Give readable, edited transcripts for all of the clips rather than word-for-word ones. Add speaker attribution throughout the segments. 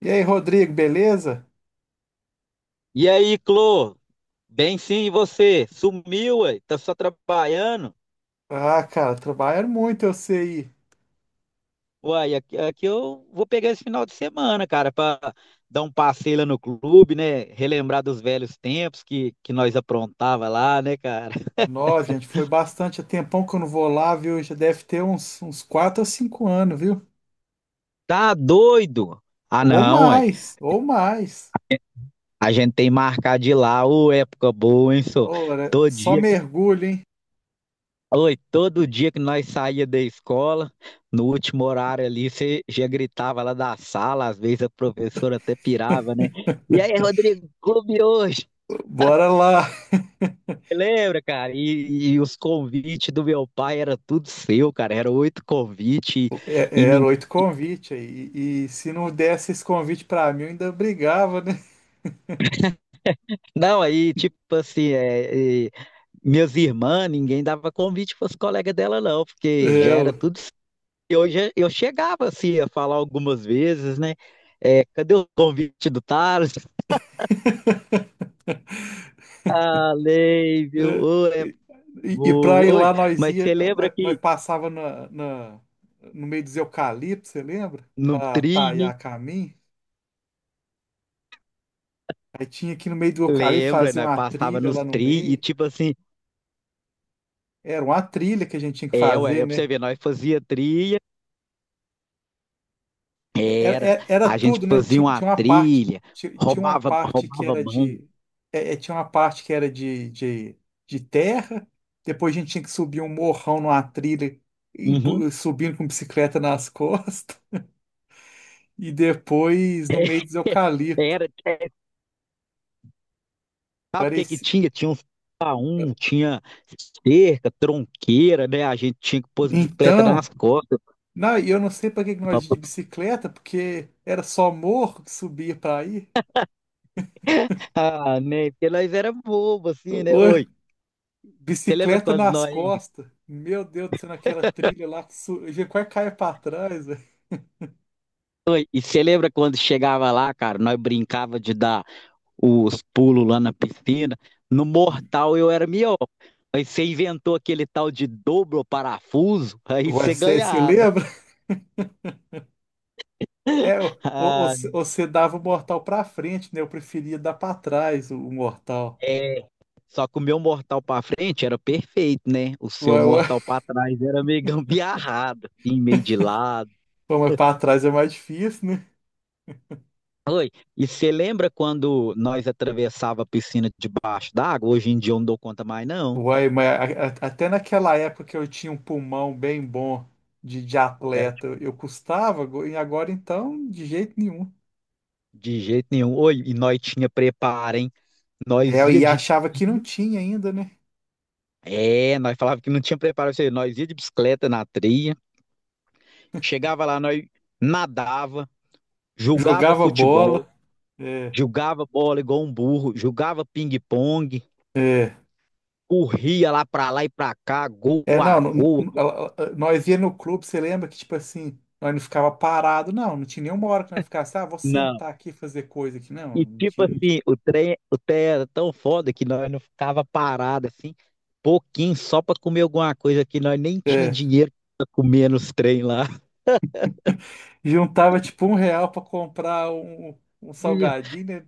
Speaker 1: E aí, Rodrigo, beleza?
Speaker 2: E aí, Clô? Bem, sim, e você? Sumiu, ué? Tá só trabalhando?
Speaker 1: Ah, cara, trabalharam muito, eu sei.
Speaker 2: Uai, aqui eu vou pegar esse final de semana, cara, pra dar um passeio lá no clube, né? Relembrar dos velhos tempos que nós aprontava lá, né, cara?
Speaker 1: Nós, gente, foi bastante. Há tempão que eu não vou lá, viu? Já deve ter uns 4 ou 5 anos, viu?
Speaker 2: Tá doido? Ah,
Speaker 1: Ou
Speaker 2: não, ué.
Speaker 1: mais, ou mais.
Speaker 2: A gente tem marcado de ir lá, ô, época boa, hein, só?
Speaker 1: Ora, só mergulho, hein?
Speaker 2: Oi, todo dia que nós saía da escola, no último horário ali, você já gritava lá da sala, às vezes a professora até pirava, né? E aí, Rodrigo, clube hoje?
Speaker 1: Bora lá.
Speaker 2: Lembra, cara? E os convites do meu pai era tudo seu, cara. Era 8 convites e,
Speaker 1: É, era
Speaker 2: ninguém.
Speaker 1: oito convites aí. E se não desse esse convite pra mim, eu ainda brigava, né?
Speaker 2: Não, aí, tipo assim, minhas irmãs, ninguém dava convite para os colegas dela, não,
Speaker 1: É,
Speaker 2: porque já era
Speaker 1: eu.
Speaker 2: tudo seu. Eu chegava assim a falar algumas vezes, né? É, cadê o convite do Thales? Falei, viu?
Speaker 1: Eh,
Speaker 2: Ô, é
Speaker 1: e para
Speaker 2: boa.
Speaker 1: ir
Speaker 2: Oi,
Speaker 1: lá, nós
Speaker 2: mas
Speaker 1: ia,
Speaker 2: você lembra
Speaker 1: nós, nós
Speaker 2: que
Speaker 1: passava no meio dos eucaliptos, você lembra?
Speaker 2: no
Speaker 1: Para
Speaker 2: trilho,
Speaker 1: taiar caminho. Aí tinha aqui no meio do eucalipto
Speaker 2: lembra,
Speaker 1: fazer
Speaker 2: nós
Speaker 1: uma
Speaker 2: passava
Speaker 1: trilha
Speaker 2: nos
Speaker 1: lá no
Speaker 2: tri e
Speaker 1: meio.
Speaker 2: tipo assim,
Speaker 1: Era uma trilha que a gente tinha que
Speaker 2: é, ué,
Speaker 1: fazer,
Speaker 2: é pra você
Speaker 1: né?
Speaker 2: ver, nós fazia trilha,
Speaker 1: Era,
Speaker 2: era,
Speaker 1: era, é, era
Speaker 2: a gente
Speaker 1: tudo, né?
Speaker 2: fazia
Speaker 1: Tinha,
Speaker 2: uma
Speaker 1: tinha uma parte,
Speaker 2: trilha,
Speaker 1: tinha, tinha uma
Speaker 2: roubava,
Speaker 1: parte que
Speaker 2: roubava
Speaker 1: era
Speaker 2: banco.
Speaker 1: de, tinha uma parte que era de terra. Depois a gente tinha que subir um morrão numa trilha,
Speaker 2: Uhum.
Speaker 1: subindo com bicicleta nas costas. E depois no meio dos eucalipto.
Speaker 2: Era, é, sabe o que que
Speaker 1: Parecia.
Speaker 2: tinha? Tinha uns paum, tinha cerca, tronqueira, né? A gente tinha que pôr as bicicletas
Speaker 1: Então,
Speaker 2: nas costas.
Speaker 1: não, e eu não sei para que que nós ia de bicicleta, porque era só morro que subia para aí.
Speaker 2: Ah, né? Porque nós era bobo, assim, né?
Speaker 1: Ô,
Speaker 2: Oi, você lembra
Speaker 1: bicicleta
Speaker 2: quando
Speaker 1: nas
Speaker 2: nós
Speaker 1: costas. Meu Deus do céu, naquela trilha lá eu já quase caia para trás, velho.
Speaker 2: E você lembra quando chegava lá, cara, nós brincava de dar os pulos lá na piscina. No mortal eu era melhor. Aí você inventou aquele tal de dobro parafuso, aí
Speaker 1: Ué,
Speaker 2: você
Speaker 1: você
Speaker 2: ganhava.
Speaker 1: lembra? É,
Speaker 2: Ah,
Speaker 1: você dava o mortal para frente, né? Eu preferia dar para trás o mortal.
Speaker 2: é. Só que o meu mortal pra frente era perfeito, né? O seu
Speaker 1: Ué, ué.
Speaker 2: mortal pra trás era meio gambiarrado, assim, meio de lado.
Speaker 1: Pô, mas para trás é mais difícil, né?
Speaker 2: E você lembra quando nós atravessava a piscina debaixo d'água? Hoje em dia eu não dou conta mais, não.
Speaker 1: Uai, mas até naquela época que eu tinha um pulmão bem bom de
Speaker 2: Era
Speaker 1: atleta,
Speaker 2: tipo,
Speaker 1: eu custava, e agora então, de jeito nenhum.
Speaker 2: de jeito nenhum. Oi, e nós tinha preparo, hein?
Speaker 1: É,
Speaker 2: Nós ia
Speaker 1: e
Speaker 2: de.
Speaker 1: achava que não tinha ainda, né?
Speaker 2: É, nós falava que não tinha preparo, isso aí. Nós ia de bicicleta na trilha, chegava lá, nós nadava, jogava
Speaker 1: Jogava
Speaker 2: futebol,
Speaker 1: bola. É,
Speaker 2: jogava bola igual um burro, jogava ping-pong,
Speaker 1: é.
Speaker 2: corria lá pra lá e pra cá, gol
Speaker 1: É, não,
Speaker 2: a gol.
Speaker 1: nós ia no clube, você lembra que, tipo assim, nós não ficava parado, não, não tinha nenhuma hora que nós ficasse, ah, vou
Speaker 2: Não.
Speaker 1: sentar aqui e fazer coisa aqui. Não,
Speaker 2: E
Speaker 1: não
Speaker 2: tipo
Speaker 1: tinha, não tinha.
Speaker 2: assim, o trem era tão foda que nós não ficava parado assim, pouquinho só pra comer alguma coisa que nós nem tinha
Speaker 1: É,
Speaker 2: dinheiro pra comer nos trem lá.
Speaker 1: juntava tipo um real para comprar um
Speaker 2: Isso.
Speaker 1: salgadinho, né?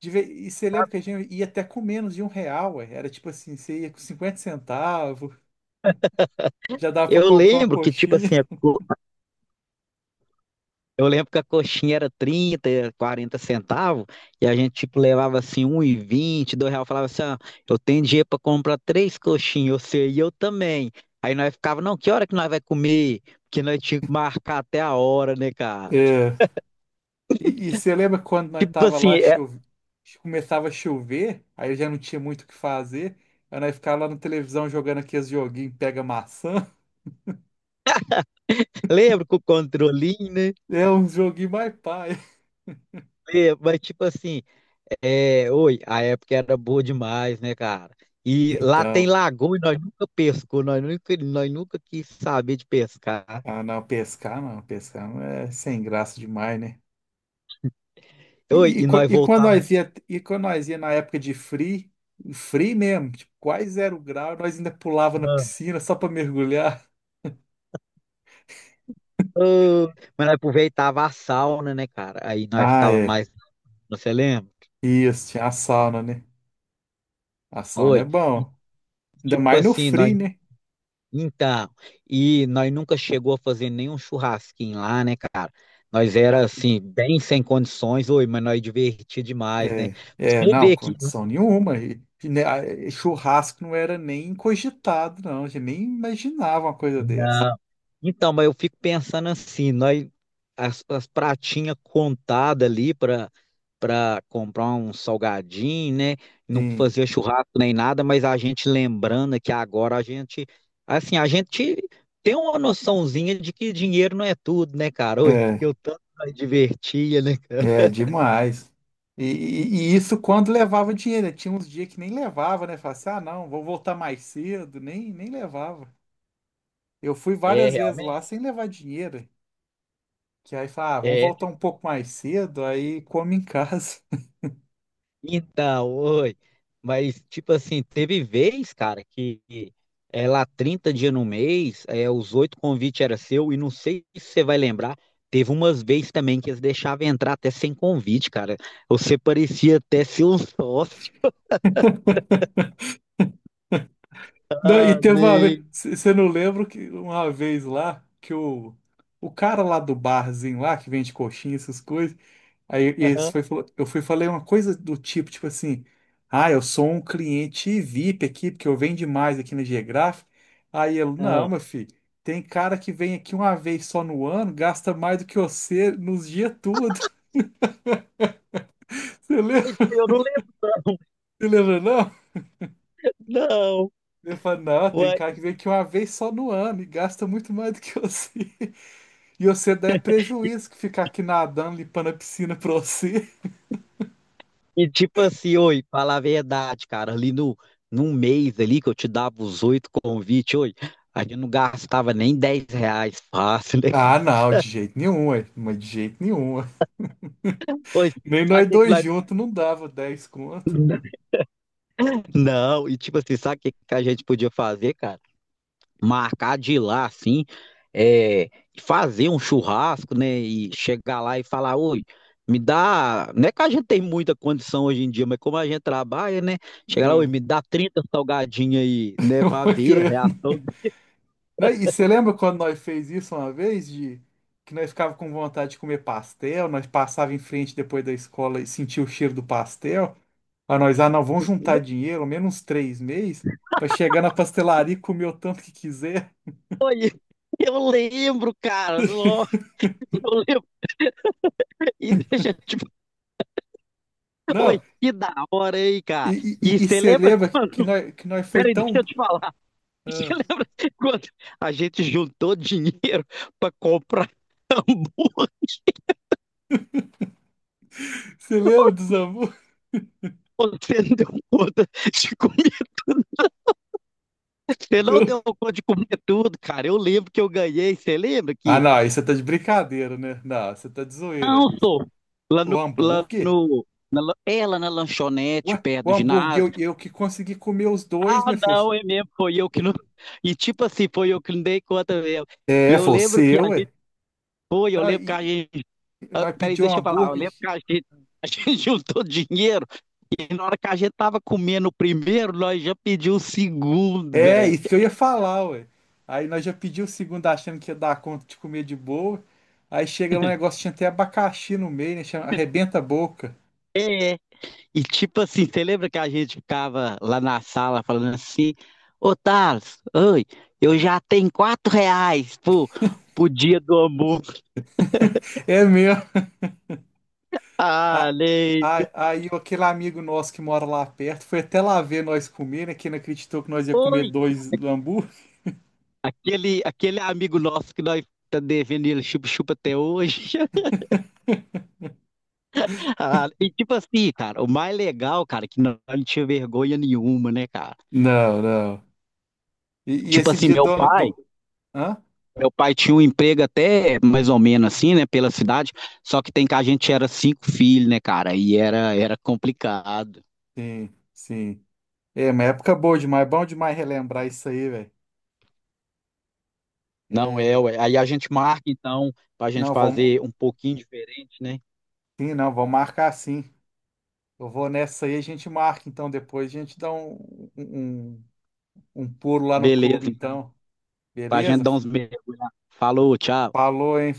Speaker 1: De ve- E você lembra que a gente ia até com menos de um real, ué? Era tipo assim, você ia com 50 centavos, já dava pra
Speaker 2: Eu
Speaker 1: comprar uma
Speaker 2: lembro que, tipo
Speaker 1: coxinha.
Speaker 2: assim, eu lembro que a coxinha era 30, 40 centavos, e a gente, tipo, levava assim 1,20, R$ 2, falava assim, ó, eu tenho dinheiro para comprar três coxinhas, você e eu também. Aí nós ficava, não, que hora que nós vai comer? Porque nós tínhamos que marcar até a hora, né, cara?
Speaker 1: É. E você lembra quando nós
Speaker 2: Tipo
Speaker 1: tava
Speaker 2: assim,
Speaker 1: lá,
Speaker 2: é,
Speaker 1: começava a chover, aí já não tinha muito o que fazer, aí nós ficava lá na televisão jogando aqueles joguinhos, pega maçã.
Speaker 2: lembro com o controlinho, né?
Speaker 1: É um joguinho mais pai.
Speaker 2: Lembro, mas tipo assim, é, oi, a época era boa demais, né, cara? E lá tem
Speaker 1: Então,
Speaker 2: lagoa e nós nunca pescou, nós nunca quis saber de pescar.
Speaker 1: ah não, pescar não, pescar não é sem graça demais, né?
Speaker 2: Oi,
Speaker 1: E, e,
Speaker 2: e
Speaker 1: qua-
Speaker 2: nós
Speaker 1: e quando
Speaker 2: voltávamos.
Speaker 1: nós ia, e quando nós ia na época de free, free mesmo, tipo, quase zero grau, nós ainda pulava na piscina só pra mergulhar.
Speaker 2: Ô, mas nós aproveitava a sauna, né, cara? Aí nós
Speaker 1: Ah,
Speaker 2: ficava
Speaker 1: é.
Speaker 2: mais, você lembra?
Speaker 1: Isso, tinha a sauna, né? A sauna é
Speaker 2: Oi. E,
Speaker 1: bom. Ainda
Speaker 2: tipo
Speaker 1: mais no
Speaker 2: assim, nós
Speaker 1: free, né?
Speaker 2: então, e nós nunca chegou a fazer nenhum churrasquinho lá, né, cara? Nós era
Speaker 1: Ah,
Speaker 2: assim, bem sem condições, oi, mas nós divertia demais, né?
Speaker 1: é, é,
Speaker 2: Você
Speaker 1: não,
Speaker 2: vê que.
Speaker 1: condição nenhuma. E, né, e churrasco não era nem cogitado, não. A gente nem imaginava uma coisa dessa.
Speaker 2: Então, mas eu fico pensando assim, nós as pratinhas contadas ali para comprar um salgadinho, né? Não
Speaker 1: Sim.
Speaker 2: fazia churrasco nem nada, mas a gente lembrando que agora a gente assim, a gente tem uma noçãozinha de que dinheiro não é tudo, né, cara? Oi, porque
Speaker 1: É.
Speaker 2: o tanto nós divertia, né, cara?
Speaker 1: É, demais. E isso quando levava dinheiro, né? Tinha uns dias que nem levava, né? Falava assim, ah, não, vou voltar mais cedo. Nem levava. Eu fui
Speaker 2: É,
Speaker 1: várias vezes lá
Speaker 2: realmente.
Speaker 1: sem levar dinheiro. Que aí fala, ah, vamos voltar um pouco mais cedo, aí come em casa.
Speaker 2: Então, oi. Mas, tipo assim, teve vez, cara, que é, lá 30 dias no mês, é, os 8 convites era seu, e não sei se você vai lembrar, teve umas vezes também que eles deixavam entrar até sem convite, cara. Você parecia até ser um sócio.
Speaker 1: Não, e teve uma vez,
Speaker 2: Falei,
Speaker 1: você não lembra que uma vez lá, que o cara lá do barzinho lá, que vende coxinha, essas coisas, aí eles
Speaker 2: aham,
Speaker 1: foi, eu fui e falei uma coisa do tipo, assim, ah, eu sou um cliente VIP aqui, porque eu venho demais aqui na Geográfica. Aí ele, não,
Speaker 2: aham.
Speaker 1: meu filho, tem cara que vem aqui uma vez só no ano, gasta mais do que você nos dias tudo. Você lembra,
Speaker 2: Isso eu não lembro,
Speaker 1: você lembra não?
Speaker 2: não.
Speaker 1: Ele falou, não, tem
Speaker 2: Uai.
Speaker 1: cara que vem aqui uma vez só no ano e gasta muito mais do que você. E você dá é prejuízo que ficar aqui nadando, limpando a piscina pra você.
Speaker 2: E tipo assim, oi, fala a verdade, cara, ali no, num mês ali que eu te dava os 8 convites, oi, a gente não gastava nem R$ 10 fácil, né.
Speaker 1: Ah, não, de jeito nenhum, ué, mas de jeito nenhum.
Speaker 2: Pois,
Speaker 1: Nem
Speaker 2: sabe o
Speaker 1: nós
Speaker 2: que que
Speaker 1: dois
Speaker 2: nós...
Speaker 1: juntos não dava 10 conto.
Speaker 2: Não, e tipo assim, sabe o que que a gente podia fazer, cara? Marcar de ir lá, assim, é, fazer um churrasco, né? E chegar lá e falar, oi, me dá. Não é que a gente tem muita condição hoje em dia, mas como a gente trabalha, né? Chegar lá, oi,
Speaker 1: É,
Speaker 2: me dá 30 salgadinhos aí, né? Pra
Speaker 1: uma
Speaker 2: ver a
Speaker 1: criança.
Speaker 2: reação.
Speaker 1: Né, e você lembra quando nós fez isso uma vez, de que nós ficava com vontade de comer pastel, nós passava em frente depois da escola e sentia o cheiro do pastel. Aí nós, ah, não, vamos juntar dinheiro, ao menos uns 3 meses, para chegar na pastelaria e comer o tanto que quiser.
Speaker 2: Eu lembro, cara. Nossa, eu lembro. E deixa, tipo, oi,
Speaker 1: Não,
Speaker 2: que da hora aí, cara.
Speaker 1: e,
Speaker 2: E
Speaker 1: e, e
Speaker 2: você
Speaker 1: você
Speaker 2: lembra
Speaker 1: lembra que
Speaker 2: quando?
Speaker 1: nós, que nós foi
Speaker 2: Peraí, deixa
Speaker 1: tão.
Speaker 2: eu te falar. Você
Speaker 1: Ah,
Speaker 2: lembra quando a gente juntou dinheiro para comprar burro?
Speaker 1: você lembra dos amores?
Speaker 2: Você não deu conta de comer tudo. Você não deu conta de comer tudo, cara. Eu lembro que eu ganhei. Você lembra
Speaker 1: Ah,
Speaker 2: que.
Speaker 1: não, aí você tá de brincadeira, né? Não, você tá de zoeira.
Speaker 2: Não sou. Lá
Speaker 1: O
Speaker 2: no. Lá
Speaker 1: hambúrguer?
Speaker 2: no na, lan- é, lá na lanchonete,
Speaker 1: Ué,
Speaker 2: perto
Speaker 1: o
Speaker 2: do
Speaker 1: hambúrguer,
Speaker 2: ginásio.
Speaker 1: eu que consegui comer os dois,
Speaker 2: Ah,
Speaker 1: meu filho.
Speaker 2: não, é mesmo. Foi eu que não. E tipo assim, foi eu que não dei conta mesmo. E
Speaker 1: É,
Speaker 2: eu
Speaker 1: foi o
Speaker 2: lembro que
Speaker 1: seu,
Speaker 2: a gente.
Speaker 1: ué.
Speaker 2: Foi, eu
Speaker 1: Não,
Speaker 2: lembro que a
Speaker 1: e,
Speaker 2: gente.
Speaker 1: e
Speaker 2: Ah,
Speaker 1: nós
Speaker 2: peraí,
Speaker 1: pedimos um
Speaker 2: deixa eu falar. Eu
Speaker 1: hambúrguer.
Speaker 2: lembro que a gente, a gente juntou dinheiro e na hora que a gente tava comendo o primeiro, nós já pedimos o segundo,
Speaker 1: É,
Speaker 2: velho.
Speaker 1: isso que eu ia falar, ué. Aí nós já pedimos o segundo achando que ia dar conta de comer de boa. Aí chega lá um negócio, tinha até abacaxi no meio, né? Chama, arrebenta a boca.
Speaker 2: É. É. E tipo assim, você lembra que a gente ficava lá na sala falando assim: Ô Thales, oi, eu já tenho R$ 4 pro, dia do amor.
Speaker 1: É mesmo.
Speaker 2: Ah,
Speaker 1: A-
Speaker 2: lei.
Speaker 1: Aí aquele amigo nosso que mora lá perto foi até lá ver nós comer, né? Que não acreditou que nós ia comer
Speaker 2: Oi.
Speaker 1: dois do hambúrguer.
Speaker 2: Aquele amigo nosso que nós tá devendo ele chupa-chupa até hoje. Ah, e tipo assim, cara, o mais legal, cara, é que não, não tinha vergonha nenhuma, né, cara?
Speaker 1: Não, não. E
Speaker 2: Tipo
Speaker 1: esse
Speaker 2: assim,
Speaker 1: dia do, do... Hã?
Speaker 2: meu pai tinha um emprego até mais ou menos assim, né, pela cidade, só que tem que a gente era cinco filhos, né, cara, e era complicado.
Speaker 1: Sim, sim. É, uma época boa demais. Bom demais relembrar isso aí, velho.
Speaker 2: Não é,
Speaker 1: É,
Speaker 2: ué. Aí a gente marca, então, pra gente
Speaker 1: não, vamos.
Speaker 2: fazer um pouquinho diferente, né?
Speaker 1: Sim, não, vamos marcar sim. Eu vou nessa aí, a gente marca então depois. A gente dá um, um um pulo lá no clube,
Speaker 2: Beleza, então,
Speaker 1: então.
Speaker 2: pra gente
Speaker 1: Beleza?
Speaker 2: dar uns mergulhos. Falou, tchau.
Speaker 1: Falou, hein?